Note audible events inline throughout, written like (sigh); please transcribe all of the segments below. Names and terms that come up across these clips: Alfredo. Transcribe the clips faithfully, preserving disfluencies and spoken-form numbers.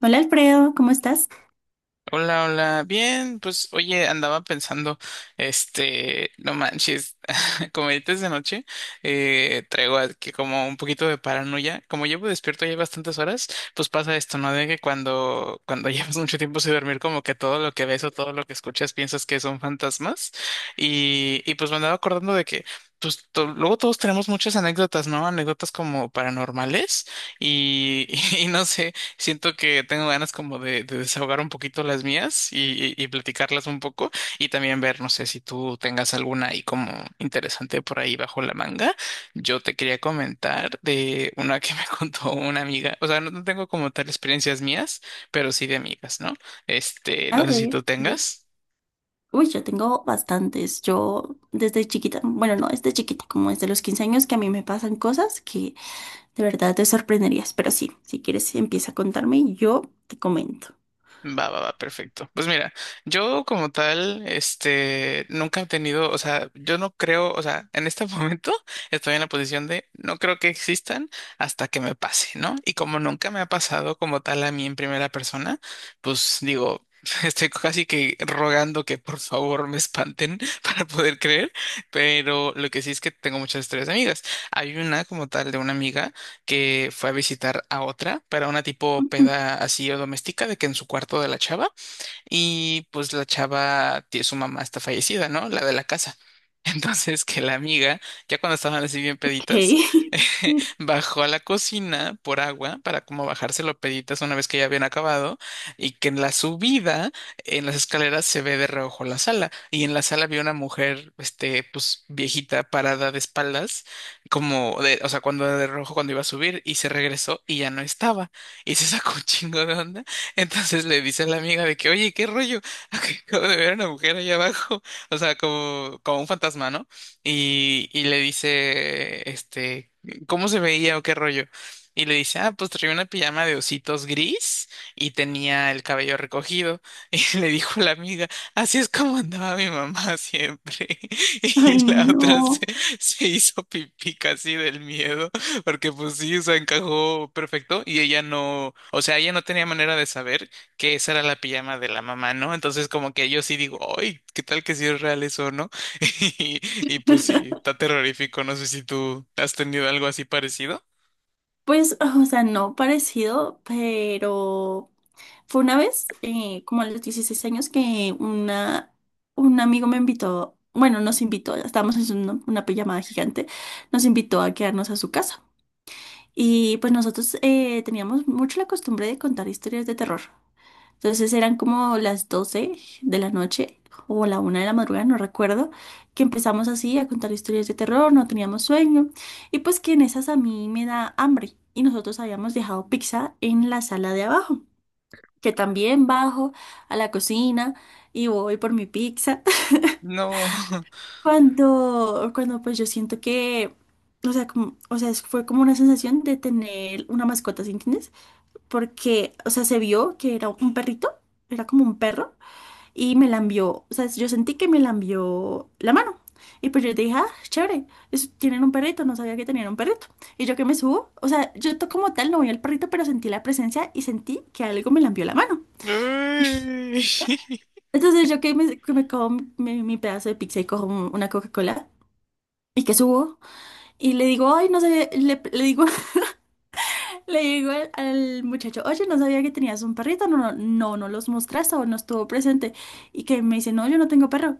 Hola Alfredo, ¿cómo estás? Hola, hola. Bien, pues oye, andaba pensando, este, no manches, (laughs) como ahorita es de noche, eh, traigo aquí como un poquito de paranoia. Como llevo despierto ya bastantes horas, pues pasa esto, ¿no? De que cuando, cuando (laughs) llevas mucho tiempo sin dormir, como que todo lo que ves o todo lo que escuchas piensas que son fantasmas. Y, y pues me andaba acordando de que, pues to- luego todos tenemos muchas anécdotas, ¿no? Anécdotas como paranormales. Y, (laughs) y no sé. Siento que tengo ganas como de, de desahogar un poquito las mías y, y- y platicarlas un poco y también ver, no sé si tú tengas alguna ahí como interesante por ahí bajo la manga. Yo te quería comentar de una que me (laughs) contó una amiga, o sea, no no tengo como tal experiencias mías, pero sí de amigas, ¿no? Este, A no sé si ver, tú sí. tengas. Uy, yo tengo bastantes. Yo desde chiquita, bueno, no desde chiquita, como desde los quince años que a mí me pasan cosas que de verdad te sorprenderías. Pero sí, si quieres empieza a contarme y yo te comento. Va, va, va, perfecto. Pues mira, yo como tal, este, nunca he tenido, o sea, yo no creo, o sea, en este (laughs) momento estoy en la posición de no creo que existan hasta que me pase, ¿no? Y como nunca me ha pasado como tal a mí en primera persona, pues digo, (laughs) estoy casi que rogando que por favor me espanten (laughs) para poder creer, pero lo que sí es que tengo muchas historias de amigas. Hay una como tal de una amiga que fue a visitar a otra para una tipo peda (laughs) así o doméstica de que en su cuarto de la chava. Y pues la chava, tie- su mamá está fallecida, ¿no? La de la casa. (laughs) Entonces que la amiga, ya cuando estaban así bien Ok. peditas, (laughs) (laughs) bajó a la cocina por agua para como bajárselo peditas una vez que ya habían acabado y que en la subida, en las escaleras se ve de reojo la sala y en la sala vi una mujer, este, pues viejita parada de espaldas, como de, o sea, cuando de reojo cuando iba a subir y se regresó y ya no estaba y se sacó un chingo de onda, entonces le dice a la amiga de que, oye, ¿qué rollo? (laughs) Acabo de ver a una mujer allá abajo, o sea, como, como un fantasma, ¿no? Y, y le dice, este, ¿cómo se veía o qué rollo? Y le dice, ah, pues traía una pijama de ositos gris y tenía el cabello recogido. (laughs) Y le dijo la amiga, así es como andaba mi mamá siempre. (laughs) Y Ay, la no. otra se, se hizo pipí casi del miedo. Porque pues sí, o sea, encajó perfecto y ella no, o sea, ella no tenía manera de saber que esa era la pijama de la mamá, ¿no? Entonces como que yo sí digo, ¡ay! ¿Qué tal que si es real eso, no? (laughs) Y, y pues sí, está (laughs) terrorífico, no sé si tú has tenido algo así parecido. Pues, o sea, no parecido, pero fue una vez, eh, como a los dieciséis años, que una, un amigo me invitó, bueno, nos invitó, estábamos en una, una pijamada gigante, nos invitó a quedarnos a su casa. Y pues nosotros eh, teníamos mucho la costumbre de contar historias de terror. Entonces eran como las doce de la noche o la una de la madrugada, no recuerdo, que empezamos así a contar historias de terror, no teníamos sueño. Y pues que en esas a mí me da hambre y nosotros habíamos dejado pizza en la sala de abajo que también bajo a la cocina y voy por mi pizza. (laughs) No. (laughs) Cuando, cuando pues yo siento que, o sea, como- o sea, es- fue como una sensación de tener una mascota, ¿sí entiendes? Porque, o sea, se vio que era un perrito, era como un perro, y me lambió, o sea, yo sentí que me lambió la mano. Y pues yo dije, ah, chévere, es- tienen un perrito, no sabía que tenían un perrito. Y yo que me subo, o sea, yo to- como tal no vi al perrito, pero sentí la presencia y sentí que algo me lambió la mano. Ay. (laughs) Entonces yo que me, que me como mi, mi pedazo de pizza y cojo un- una Coca-Cola y que subo y le digo, ay, no sé, le, le digo, (laughs) le digo al, al muchacho, oye, no sabía que tenías un perrito, no, no, no, no los mostraste o no estuvo presente. Y que me dice, no, yo no tengo perro.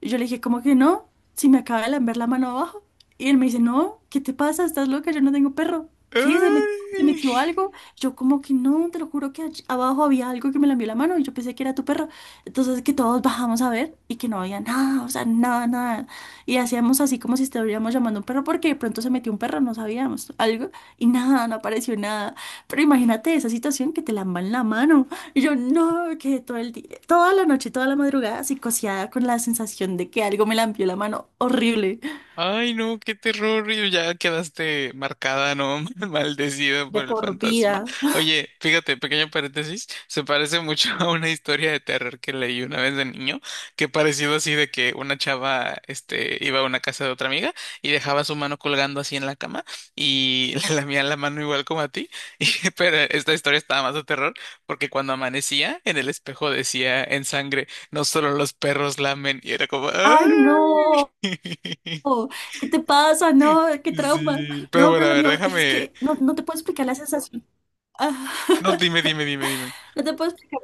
Y yo le dije, ¿cómo que no? Si me acaba de lamber la mano abajo. Y él me dice, no, ¿qué te pasa? ¿Estás loca? Yo no tengo perro. ¿Qué? ¿Se metió, ¿se metió Ay. algo? Yo como que no, te lo juro que allí abajo había algo que me lambió la mano y yo pensé que era tu perro. Entonces que todos bajamos a ver y que no había nada, o sea, nada, nada. Y hacíamos así como si estuviéramos llamando a un perro porque de pronto se metió un perro, no sabíamos algo y nada, no apareció nada. Pero imagínate esa situación que te lamban la mano. (laughs) Y yo no, quedé todo el día, toda la noche, toda la madrugada psicoseada con la sensación de que algo me lampió la mano horrible, Ay, no, qué terror, y ya quedaste marcada, ¿no? (laughs) Maldecida de por el por fantasma. vida. Oye, fíjate, pequeño paréntesis, se parece mucho a una historia de terror que leí una vez de niño, que parecido así de que una chava, este, iba a una casa de otra amiga y dejaba su mano colgando así en la cama y (laughs) le lamía la mano igual como a ti, (laughs) y- pero esta historia estaba más de terror porque cuando amanecía en el espejo decía en sangre, no solo los perros lamen, y era como, Ay, ¡ay! no, (laughs) ¿qué te pasa? No, qué trauma. Sí, pero No, bueno, pero a lo ver, mío es déjame. que no, no te puedo explicar la sensación. Ah, No, dime, (laughs) dime, dime, dime. no te puedo explicar,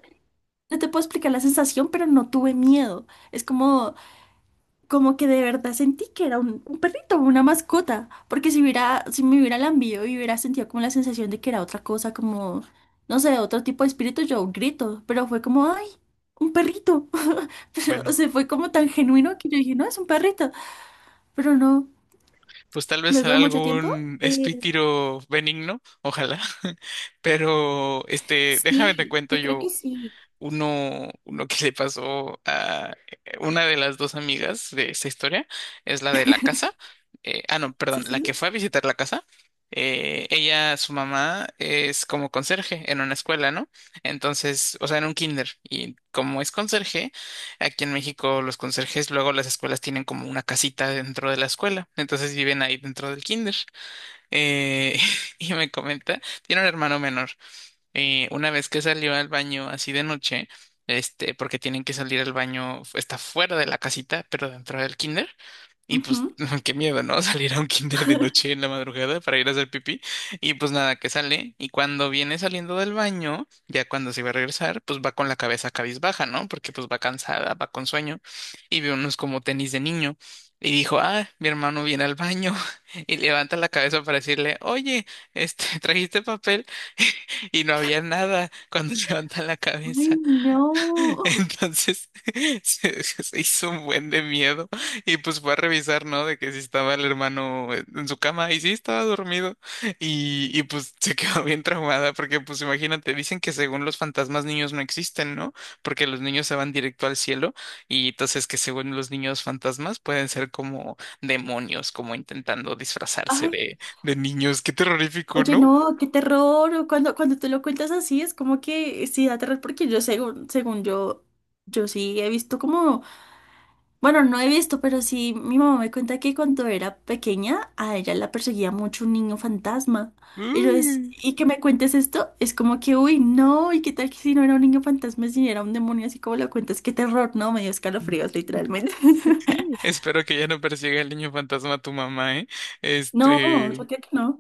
no te puedo explicar la sensación, pero no tuve miedo. Es como como que de verdad sentí que era un, un perrito, una mascota, porque si hubiera, si me hubiera lambido y hubiera sentido como la sensación de que era otra cosa, como, no sé, otro tipo de espíritu, yo grito, pero fue como, ay, un perrito, (laughs) pero, o Bueno, sea, fue como tan genuino que yo dije, no, es un perrito, pero no, pues tal vez luego será de mucho tiempo, algún eh, espítiro benigno, ojalá. (laughs) Pero, este, déjame te sí, cuento yo creo que yo. sí, Uno, uno que le pasó a eh, una de las dos amigas de esta historia es la de la casa. Eh, ah, no, sí, perdón, sí, la que sí. fue a visitar la casa. Eh, ella, su mamá, es como conserje en una escuela, ¿no? Entonces, o sea, en un kinder. Y como es conserje, aquí en México los conserjes luego las escuelas tienen como una casita dentro de la escuela. Entonces viven ahí dentro del kinder. Eh, (laughs) y me comenta, tiene un hermano menor. Eh, una vez que salió al baño así de noche, este, porque tienen que salir al baño, está fuera de la casita, pero dentro del kinder. Y pues, Ujú. (laughs) qué miedo, ¿no? (laughs) Salir a un kinder de noche en la madrugada para ir a hacer pipí. Y pues nada, que sale. Y cuando viene saliendo del baño, ya cuando se va a regresar, pues va con la cabeza cabizbaja, ¿no? Porque pues va cansada, va con sueño. Y ve unos como tenis de niño. Y dijo, ah, mi hermano viene al baño. (laughs) Y levanta la cabeza para decirle, oye, este, ¿trajiste papel? (laughs) Y no había nada cuando (laughs) levantan la Ay, cabeza. no, Entonces (laughs) se, se hizo un buen de miedo y pues fue a revisar, ¿no? De que si estaba el hermano en en su cama y sí estaba dormido y, y pues se (laughs) quedó bien traumada porque pues imagínate, dicen que según los fantasmas niños no existen, ¿no? Porque los niños se van directo al cielo y entonces que según los niños fantasmas pueden ser como demonios, como intentando (laughs) disfrazarse ay, de, de niños. Qué terrorífico, oye, ¿no? no, qué terror. Cuando, cuando te lo cuentas así, es como que sí da terror, porque yo según, según yo, yo sí he visto como, bueno, no he visto, pero sí mi mamá me cuenta que cuando era pequeña, a ella la perseguía mucho un niño fantasma. Y yo es, Uy. y que me cuentes esto, es como que, uy, no, y qué tal que si no era un niño fantasma, si era un demonio, así como lo cuentas, qué terror, no, me dio escalofríos, literalmente. (laughs) Espero que ya no persiga el niño fantasma a tu mamá, ¿eh? No, Este, yo creo que no.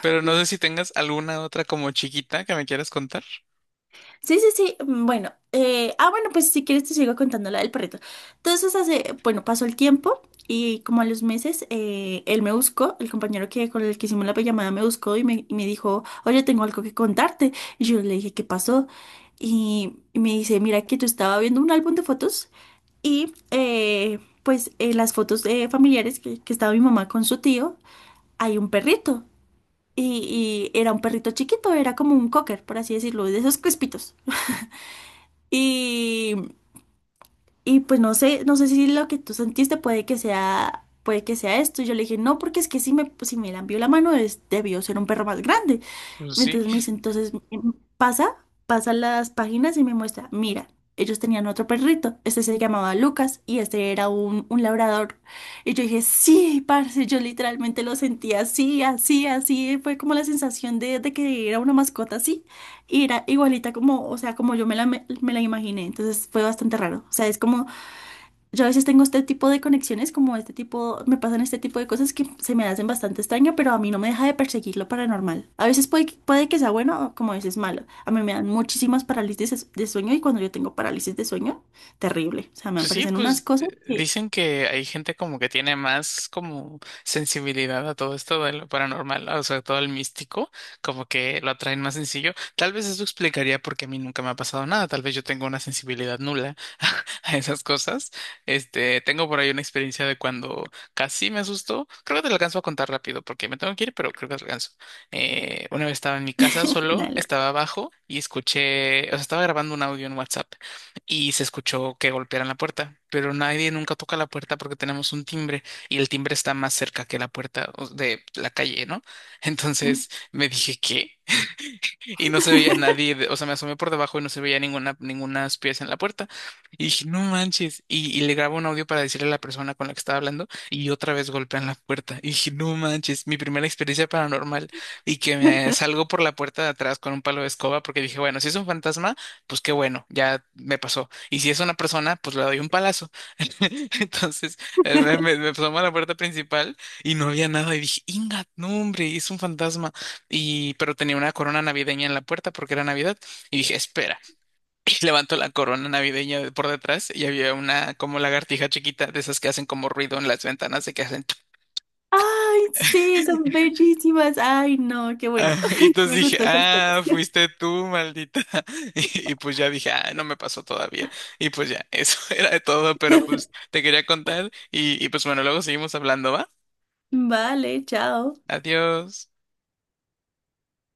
pero no sé si tengas alguna otra como chiquita que me quieras contar. Sí, sí, sí. Mm, bueno, eh, ah, bueno, pues si quieres te sigo contando la del perrito. Entonces, hace, bueno, pasó el tiempo y como a los meses, eh, él me buscó, el compañero que con el que hicimos la llamada me buscó y me, y me dijo, oye, tengo algo que contarte. Y yo le dije, ¿qué pasó? Y, y me dice, mira que yo estaba viendo un álbum de fotos y eh, pues en las fotos eh, familiares que, que estaba mi mamá con su tío, hay un perrito. Y, y era un perrito chiquito, era como un cocker, por así decirlo, de esos crespitos. Y, y pues no sé, no sé si lo que tú sentiste puede que sea, puede que sea esto. Y yo le dije, no, porque es que si me, si me lambió la mano, es- debió ser un perro más grande. Pues sí. Entonces me dice, entonces mm, pasa, pasa las páginas y me muestra, mira, ellos tenían otro perrito, este se llamaba Lucas y este era un, un labrador. Y yo dije, sí, parce, yo literalmente lo sentía así, así, así, fue como la sensación de, de que era una mascota así y era igualita como, o sea, como yo me la, me, la imaginé, entonces fue bastante raro. O sea, es como, yo a veces tengo este tipo de conexiones, como este tipo, me pasan este tipo de cosas que se me hacen bastante extraño, pero a mí no me deja de perseguir lo paranormal. A veces puede, que- puede que sea bueno o como a veces malo. A mí me dan muchísimas parálisis de sueño y cuando yo tengo parálisis de sueño, terrible. O sea, me Pues sí, aparecen unas pues cosas eh, que, dicen que hay gente como que tiene más como sensibilidad a todo esto de lo paranormal, o sea, todo el místico, como que lo atraen más sencillo. Tal vez eso explicaría por qué a mí nunca me ha pasado nada, tal vez yo tengo una sensibilidad nula (laughs) a esas cosas. Este, tengo por ahí una experiencia de cuando casi me asustó, creo que te lo alcanzo a contar rápido porque me tengo que ir, pero creo que te lo alcanzo. Eh, una vez estaba en mi casa (laughs) solo, dale. estaba abajo y escuché, o sea, estaba grabando un audio en WhatsApp y se escuchó que golpearan la puerta, pero nadie nunca toca la puerta porque tenemos un timbre y el timbre está más cerca que la puerta o- de la calle, ¿no? (laughs) Entonces me dije, ¿qué? Y no se veía (laughs) nadie, de- o sea, me asomé por debajo y no se veía ninguna, ninguna pieza en la puerta. Y dije, no manches. Y, y le grabo un audio para decirle a la persona con la que estaba hablando y otra vez golpean la puerta. Y dije, no manches, mi primera experiencia paranormal, y que me salgo por la puerta de atrás con un palo de escoba porque dije, bueno, si es un fantasma, pues qué bueno, ya me pasó. Y si es una persona, pues le doy un palazo. (laughs) Entonces, eh, me, me, me asomo a la puerta principal y no había nada y dije, ingat no hombre, es un fantasma. Y, pero tenía una corona navideña en la puerta porque era Navidad. Y dije, espera. (laughs) Y levanto la corona navideña de por detrás y había una como lagartija chiquita de esas que hacen como ruido en las ventanas de que hacen. Tu- Ay, sí, son bellísimas. Ay, no, qué (laughs) Ah, bueno. y (laughs) entonces Me dije, gustó esta ah, historia. fuiste tú, maldita. (laughs) Y, y pues ya dije, ah, no me pasó todavía. Y pues ya, eso (laughs) era de todo, pero (laughs) pues te quería contar. Y, y pues bueno, luego seguimos hablando, ¿va? Vale, chao. Adiós.